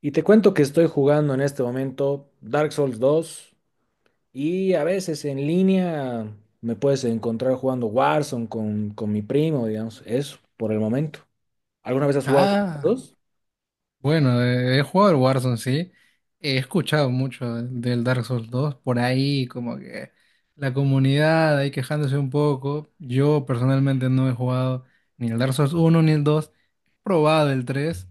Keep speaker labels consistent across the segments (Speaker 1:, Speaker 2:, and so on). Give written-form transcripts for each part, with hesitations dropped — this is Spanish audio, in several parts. Speaker 1: Y te cuento que estoy jugando en este momento Dark Souls dos y a veces en línea me puedes encontrar jugando Warzone con mi primo, digamos, eso por el momento. ¿Alguna vez has jugado con los
Speaker 2: Ah,
Speaker 1: dos?
Speaker 2: bueno, He jugado el Warzone, sí. He escuchado mucho del Dark Souls dos por ahí, como que la comunidad ahí quejándose un poco. Yo personalmente no he jugado ni el Dark Souls uno ni el dos. He probado el 3,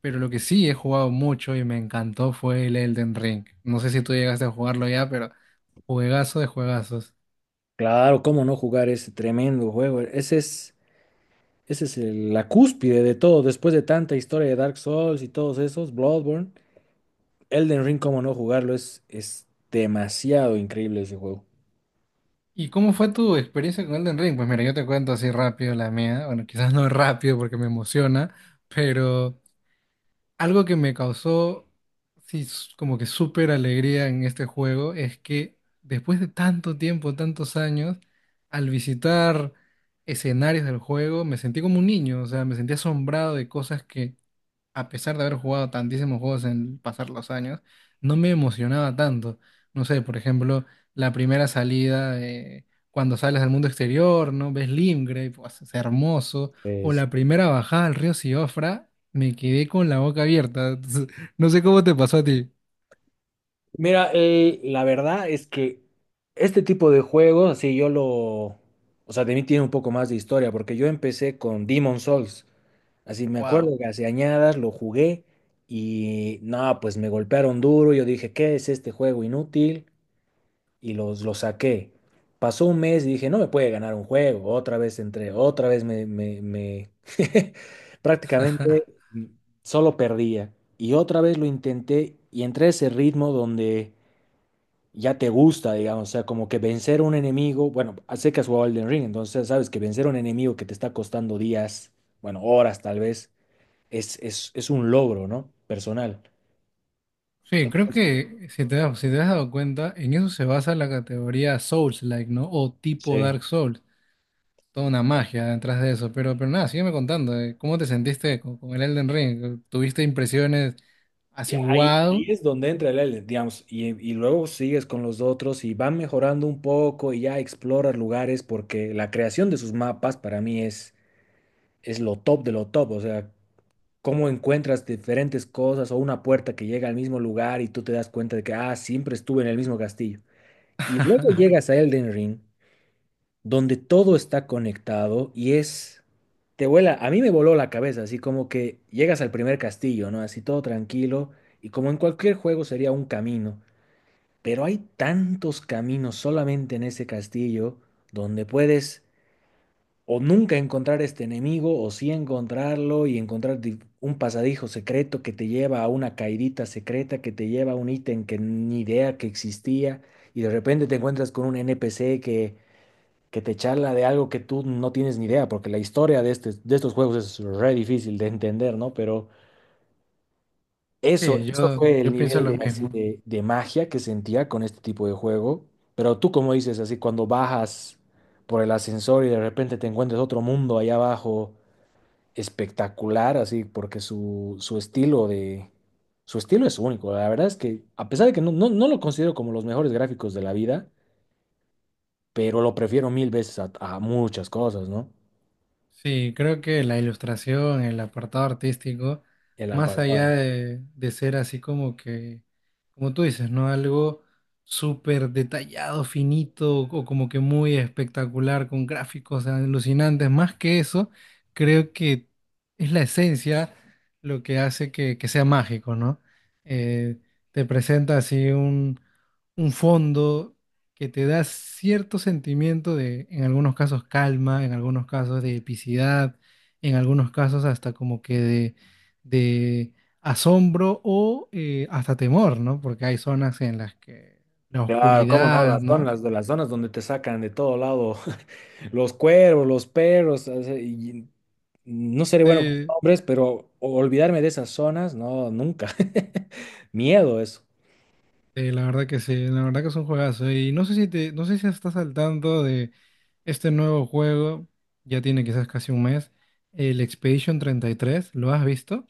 Speaker 2: pero lo que sí he jugado mucho y me encantó fue el Elden Ring. No sé si tú llegaste a jugarlo ya, pero juegazo de juegazos.
Speaker 1: Claro, cómo no jugar ese tremendo juego. La cúspide de todo. Después de tanta historia de Dark Souls y todos esos, Bloodborne, Elden Ring, cómo no jugarlo, es demasiado increíble ese juego.
Speaker 2: ¿Y cómo fue tu experiencia con Elden Ring? Pues mira, yo te cuento así rápido la mía. Bueno, quizás no rápido porque me emociona, pero... Algo que me causó, sí, como que súper alegría en este juego es que después de tanto tiempo, tantos años, al visitar escenarios del juego, me sentí como un niño, o sea, me sentí asombrado de cosas que a pesar de haber jugado tantísimos juegos en pasar los años, no me emocionaba tanto. No sé, por ejemplo, la primera salida, cuando sales al mundo exterior, ¿no? Ves Limgrave, pues, es hermoso. O
Speaker 1: Es-
Speaker 2: la primera bajada al río Siofra, me quedé con la boca abierta. Entonces, no sé cómo te pasó a ti.
Speaker 1: Mira, la verdad es que este tipo de juegos, o sea, de mí tiene un poco más de historia, porque yo empecé con Demon Souls, así me
Speaker 2: Wow.
Speaker 1: acuerdo que hace añadas lo jugué y no, pues me golpearon duro, yo dije, ¿qué es este juego inútil? Y los saqué. Pasó un mes y dije, no me puede ganar un juego. Otra vez entré, otra vez prácticamente solo perdía. Y otra vez lo intenté y entré a ese ritmo donde ya te gusta, digamos, o sea, como que vencer un enemigo, bueno, sé que has jugado Elden Ring, entonces sabes que vencer un enemigo que te está costando días, bueno, horas tal vez, es un logro, ¿no? Personal.
Speaker 2: Sí, creo
Speaker 1: Entonces,
Speaker 2: que si te, si te has dado cuenta, en eso se basa la categoría Souls-like, ¿no? O tipo
Speaker 1: sí.
Speaker 2: Dark Souls. Toda una magia detrás de eso. Pero nada, sígueme contando. ¿Cómo te sentiste con el Elden Ring? ¿Tuviste impresiones
Speaker 1: Y
Speaker 2: así, wow?
Speaker 1: ahí es donde entra el Elden, digamos, y luego sigues con los otros y van mejorando un poco y ya exploras lugares porque la creación de sus mapas para mí es lo top de lo top, o sea, cómo encuentras diferentes cosas o una puerta que llega al mismo lugar y tú te das cuenta de que, ah, siempre estuve en el mismo castillo. Y luego llegas a Elden Ring donde todo está conectado te vuela, a mí me voló la cabeza, así como que llegas al primer castillo, ¿no? Así todo tranquilo y como en cualquier juego sería un camino, pero hay tantos caminos solamente en ese castillo donde puedes o nunca encontrar este enemigo o sí encontrarlo y encontrar un pasadijo secreto que te lleva a una caidita secreta que te lleva a un ítem que ni idea que existía y de repente te encuentras con un NPC que te charla de algo que tú no tienes ni idea, porque la historia de, este, de estos juegos es re difícil de entender, ¿no? Pero
Speaker 2: Sí,
Speaker 1: eso
Speaker 2: yo,
Speaker 1: fue el
Speaker 2: yo pienso
Speaker 1: nivel
Speaker 2: lo
Speaker 1: de, así,
Speaker 2: mismo.
Speaker 1: de magia que sentía con este tipo de juego. Pero tú, como dices, así, cuando bajas por el ascensor y de repente te encuentras otro mundo allá abajo, espectacular, así, porque Su estilo es único, la verdad es que, a pesar de que no lo considero como los mejores gráficos de la vida, pero lo prefiero mil veces a muchas cosas, ¿no?
Speaker 2: Sí, creo que la ilustración, el apartado artístico,
Speaker 1: El
Speaker 2: más allá
Speaker 1: apartado.
Speaker 2: de ser así como que, como tú dices, ¿no? Algo súper detallado, finito o como que muy espectacular con gráficos alucinantes, más que eso, creo que es la esencia lo que hace que sea mágico, ¿no? Eh, te presenta así un fondo que te da cierto sentimiento de, en algunos casos, calma, en algunos casos de epicidad, en algunos casos hasta como que de asombro o hasta temor, ¿no? Porque hay zonas en las que la
Speaker 1: Claro, cómo no,
Speaker 2: oscuridad, ¿no?
Speaker 1: de las zonas donde te sacan de todo lado, los cuervos, los perros, o sea, y no seré bueno con
Speaker 2: Sí,
Speaker 1: hombres, pero olvidarme de esas zonas, no, nunca. Miedo eso.
Speaker 2: sí, la verdad que sí, la verdad que es un juegazo. Y no sé si te, no sé si estás al tanto de este nuevo juego, ya tiene quizás casi un mes, el Expedition 33, ¿lo has visto?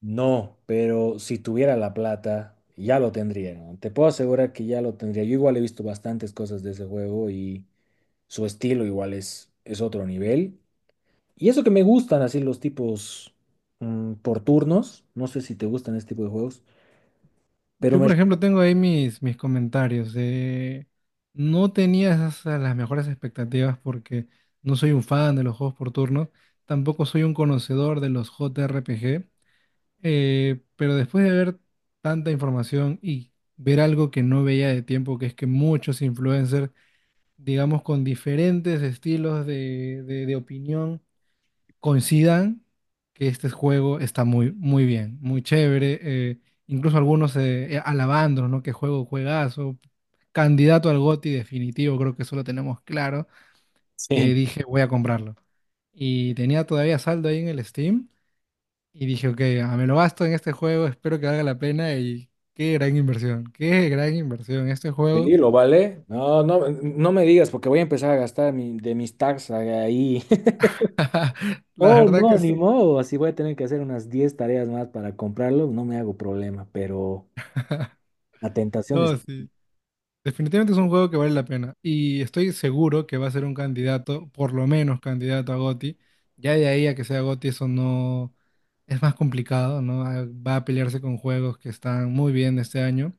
Speaker 1: No, pero si tuviera la plata, ya lo tendría, ¿no? Te puedo asegurar que ya lo tendría. Yo igual he visto bastantes cosas de ese juego y su estilo igual es otro nivel. Y eso que me gustan así los tipos por turnos, no sé si te gustan este tipo de juegos, pero
Speaker 2: Yo, por ejemplo, tengo ahí mis, mis comentarios. No tenía a las mejores expectativas porque no soy un fan de los juegos por turnos, tampoco soy un conocedor de los JRPG, pero después de ver tanta información y ver algo que no veía de tiempo, que es que muchos influencers, digamos, con diferentes estilos de, de opinión, coincidan que este juego está muy, muy bien, muy chévere. Incluso algunos alabándonos, ¿no? Que juego, juegazo. Candidato al GOTY definitivo, creo que eso lo tenemos claro.
Speaker 1: Sí.
Speaker 2: Que dije, voy a comprarlo. Y tenía todavía saldo ahí en el Steam. Y dije, ok, ah, me lo gasto en este juego, espero que valga la pena. Y qué gran inversión este juego.
Speaker 1: Sí, lo vale. No, no, no me digas porque voy a empezar a gastar de mis tags ahí.
Speaker 2: La
Speaker 1: Oh,
Speaker 2: verdad que
Speaker 1: no,
Speaker 2: es-
Speaker 1: ni modo. Así voy a tener que hacer unas 10 tareas más para comprarlo. No me hago problema, pero la tentación es.
Speaker 2: no, sí. Definitivamente es un juego que vale la pena y estoy seguro que va a ser un candidato, por lo menos candidato a GOTY. Ya de ahí a que sea GOTY eso no es más complicado, ¿no? Ah, va a pelearse con juegos que están muy bien este año,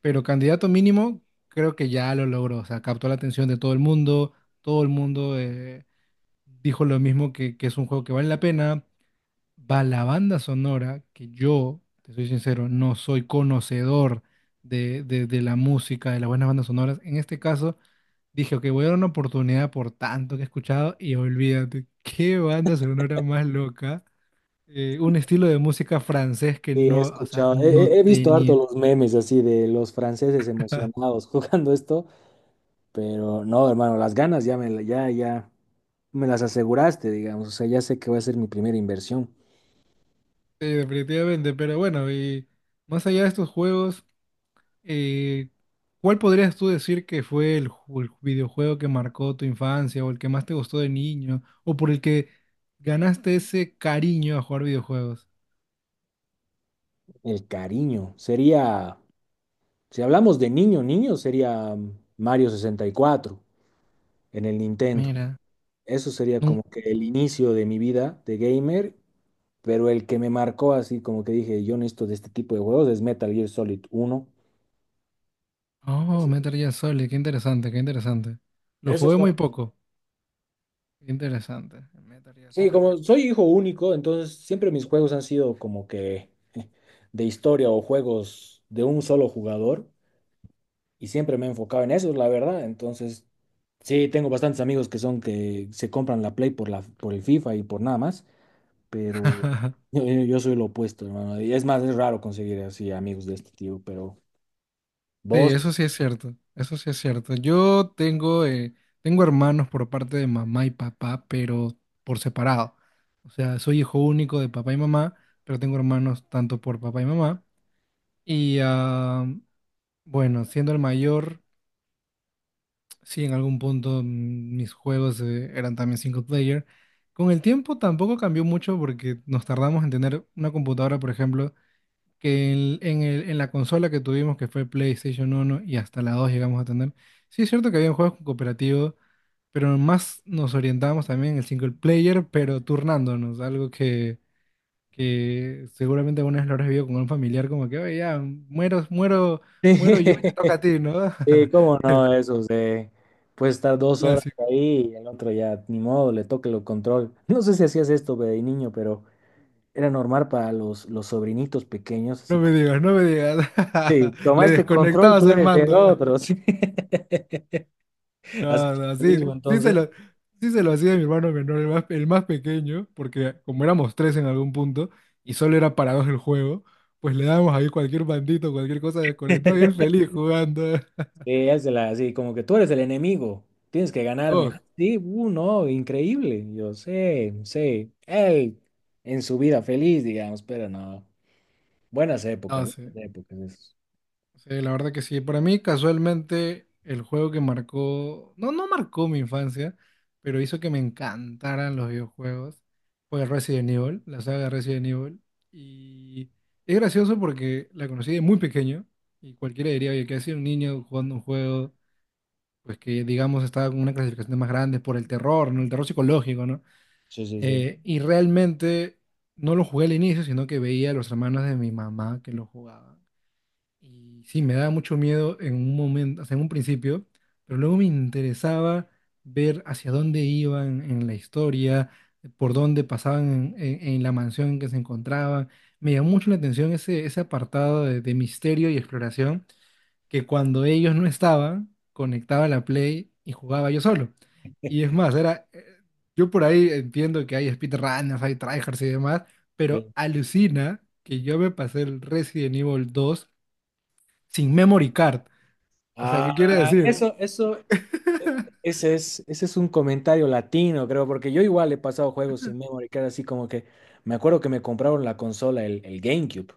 Speaker 2: pero candidato mínimo creo que ya lo logró, o sea, captó la atención de todo el mundo dijo lo mismo que es un juego que vale la pena, va la banda sonora, que yo, te soy sincero, no soy conocedor de, de la música, de las buenas bandas sonoras. En este caso, dije, ok, voy a dar una oportunidad por tanto que he escuchado y olvídate, qué banda sonora más loca. Un estilo de música francés que
Speaker 1: Sí, he
Speaker 2: no, o sea,
Speaker 1: escuchado,
Speaker 2: no
Speaker 1: he visto harto
Speaker 2: tenía.
Speaker 1: los memes así de los franceses emocionados jugando esto, pero no, hermano, las ganas ya me, ya me las aseguraste, digamos. O sea, ya sé que va a ser mi primera inversión.
Speaker 2: Sí, definitivamente, pero bueno, y más allá de estos juegos. Eh, ¿Cuál podrías tú decir que fue el, el videojuego que marcó tu infancia o el que más te gustó de niño o por el que ganaste ese cariño a jugar videojuegos?
Speaker 1: El cariño sería. Si hablamos de niño, niño sería Mario 64 en el Nintendo.
Speaker 2: Mira,
Speaker 1: Eso sería
Speaker 2: nun-
Speaker 1: como que el inicio de mi vida de gamer, pero el que me marcó así como que dije, yo necesito de este tipo de juegos es Metal Gear Solid uno.
Speaker 2: oh, Metal Gear Solid, qué interesante, qué interesante. Lo
Speaker 1: Esos
Speaker 2: jugué
Speaker 1: son.
Speaker 2: muy poco, qué interesante, Metal Gear
Speaker 1: Sí,
Speaker 2: Solid.
Speaker 1: como soy hijo único, entonces siempre mis juegos han sido como que de historia o juegos de un solo jugador y siempre me he enfocado en eso, la verdad. Entonces, sí, tengo bastantes amigos que son que se compran la Play por el FIFA y por nada más. Pero yo soy lo opuesto, hermano. Y es más, es raro conseguir así amigos de este tipo, pero
Speaker 2: Sí, eso
Speaker 1: vos,
Speaker 2: sí es cierto, eso sí es cierto. Yo tengo, tengo hermanos por parte de mamá y papá, pero por separado. O sea, soy hijo único de papá y mamá, pero tengo hermanos tanto por papá y mamá. Y ah, bueno, siendo el mayor, sí, en algún punto mis juegos eran también single player. Con el tiempo tampoco cambió mucho porque nos tardamos en tener una computadora, por ejemplo que en, en la consola que tuvimos, que fue PlayStation 1 y hasta la 2 llegamos a tener, sí es cierto que había juegos cooperativos, pero más nos orientábamos también en el single player, pero turnándonos, algo que seguramente alguna vez lo habrás vivido con un familiar, como que, oye, ya, muero, muero, muero yo y te toca a ti, ¿no?
Speaker 1: sí, cómo
Speaker 2: El
Speaker 1: no, eso de, puedes estar 2 horas
Speaker 2: clásico.
Speaker 1: ahí y el otro ya, ni modo, le toque el control. No sé si hacías esto de niño, pero era normal para los sobrinitos pequeños,
Speaker 2: No
Speaker 1: así
Speaker 2: me
Speaker 1: como,
Speaker 2: digas, no me digas.
Speaker 1: sí,
Speaker 2: Le
Speaker 1: tomaste control,
Speaker 2: desconectabas
Speaker 1: tú
Speaker 2: el
Speaker 1: eres el
Speaker 2: mando.
Speaker 1: otro, sí. ¿Has
Speaker 2: No,
Speaker 1: hecho
Speaker 2: no,
Speaker 1: lo
Speaker 2: sí,
Speaker 1: mismo
Speaker 2: sí se
Speaker 1: entonces?
Speaker 2: lo, sí se lo hacía a mi hermano menor, el más pequeño, porque como éramos tres en algún punto y solo era para dos el juego, pues le dábamos ahí cualquier bandito, cualquier cosa desconectada y él feliz jugando.
Speaker 1: Es de la así, como que tú eres el enemigo, tienes que ganarme. Ah,
Speaker 2: Dos,
Speaker 1: sí, no, increíble. Yo sé, sé. Él en su vida feliz, digamos, pero no. Buenas épocas,
Speaker 2: no sé.
Speaker 1: buenas épocas. Esas.
Speaker 2: Sí, la verdad que sí. Para mí, casualmente, el juego que marcó, no, no marcó mi infancia, pero hizo que me encantaran los videojuegos, fue Resident Evil, la saga Resident Evil. Y es gracioso porque la conocí de muy pequeño y cualquiera diría, oye, que ha sido un niño jugando un juego, pues que digamos estaba con una clasificación más grande por el terror, ¿no? El terror psicológico, ¿no?
Speaker 1: Sí, sí, sí.
Speaker 2: Y realmente no lo jugué al inicio, sino que veía a los hermanos de mi mamá que lo jugaban. Y sí, me daba mucho miedo en un momento, o sea, en un principio, pero luego me interesaba ver hacia dónde iban en la historia, por dónde pasaban en, en la mansión en que se encontraban. Me llamó mucho la atención ese, ese apartado de misterio y exploración, que cuando ellos no estaban, conectaba la Play y jugaba yo solo. Y es más, era, yo por ahí entiendo que hay speedrunners, hay tryhards y demás, pero
Speaker 1: Sí.
Speaker 2: alucina que yo me pasé el Resident Evil 2 sin memory card. O sea,
Speaker 1: Ah,
Speaker 2: ¿qué quiere decir?
Speaker 1: eso, ese es un comentario latino, creo, porque yo igual he pasado juegos sin memory card, así como que me acuerdo que me compraron la consola, el GameCube.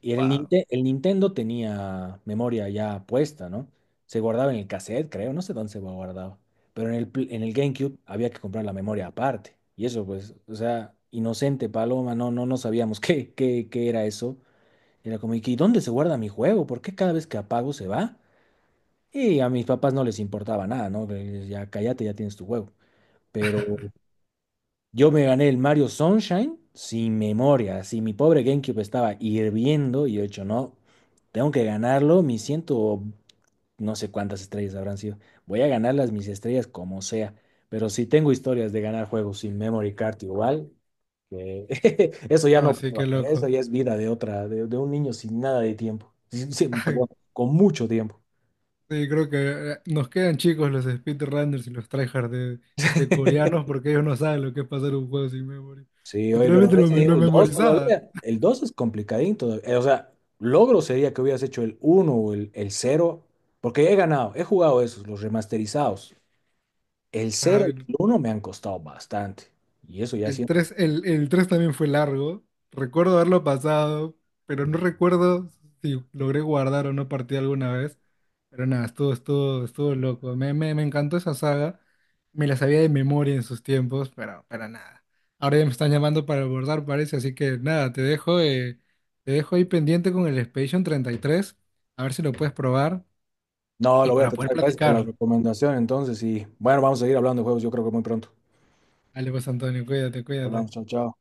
Speaker 1: Y en
Speaker 2: Wow.
Speaker 1: El Nintendo tenía memoria ya puesta, ¿no? Se guardaba en el cassette, creo, no sé dónde se guardaba. Pero en en el GameCube había que comprar la memoria aparte. Y eso, pues, o sea, inocente Paloma, no sabíamos qué era eso. Era como, ¿y qué- dónde se guarda mi juego? ¿Por qué cada vez que apago se va? Y a mis papás no les importaba nada, ¿no? Ya cállate, ya tienes tu juego. Pero yo me gané el Mario Sunshine sin memoria, así mi pobre GameCube estaba hirviendo y yo he dicho, no, tengo que ganarlo, mis ciento, no sé cuántas estrellas habrán sido, voy a ganarlas mis estrellas como sea, pero si tengo historias de ganar juegos sin memory card igual, que eso ya
Speaker 2: No,
Speaker 1: no
Speaker 2: sí,
Speaker 1: puedo
Speaker 2: qué
Speaker 1: hacer, eso
Speaker 2: loco.
Speaker 1: ya es vida de otra, de un niño sin nada de tiempo, perdón, con mucho tiempo.
Speaker 2: Sí, creo que nos quedan chicos los speedrunners y los tryhards de, este, coreanos porque ellos no saben lo que es pasar un juego sin memory.
Speaker 1: Sí, oye, pero
Speaker 2: Literalmente
Speaker 1: Resident
Speaker 2: lo
Speaker 1: Evil 2
Speaker 2: memorizaba.
Speaker 1: todavía, el 2 es complicadín todavía. O sea, logro sería que hubieras hecho el uno o el cero, porque he ganado, he jugado esos, los remasterizados. El cero
Speaker 2: Ay,
Speaker 1: y el uno me han costado bastante. Y eso ya
Speaker 2: el
Speaker 1: siento.
Speaker 2: 3 el 3 también fue largo. Recuerdo haberlo pasado, pero no recuerdo si logré guardar o no partí alguna vez. Pero nada, estuvo, estuvo, estuvo loco. Me encantó esa saga. Me la sabía de memoria en sus tiempos, pero nada. Ahora ya me están llamando para abordar, parece. Así que nada, te dejo ahí pendiente con el Expedition 33. A ver si lo puedes probar
Speaker 1: No,
Speaker 2: y
Speaker 1: lo voy a
Speaker 2: para poder
Speaker 1: tratar. Gracias por la
Speaker 2: platicar.
Speaker 1: recomendación. Entonces, y bueno, vamos a seguir hablando de juegos, yo creo que muy pronto.
Speaker 2: Dale pues, Antonio, cuídate, cuídate.
Speaker 1: Hablamos, chao, chao.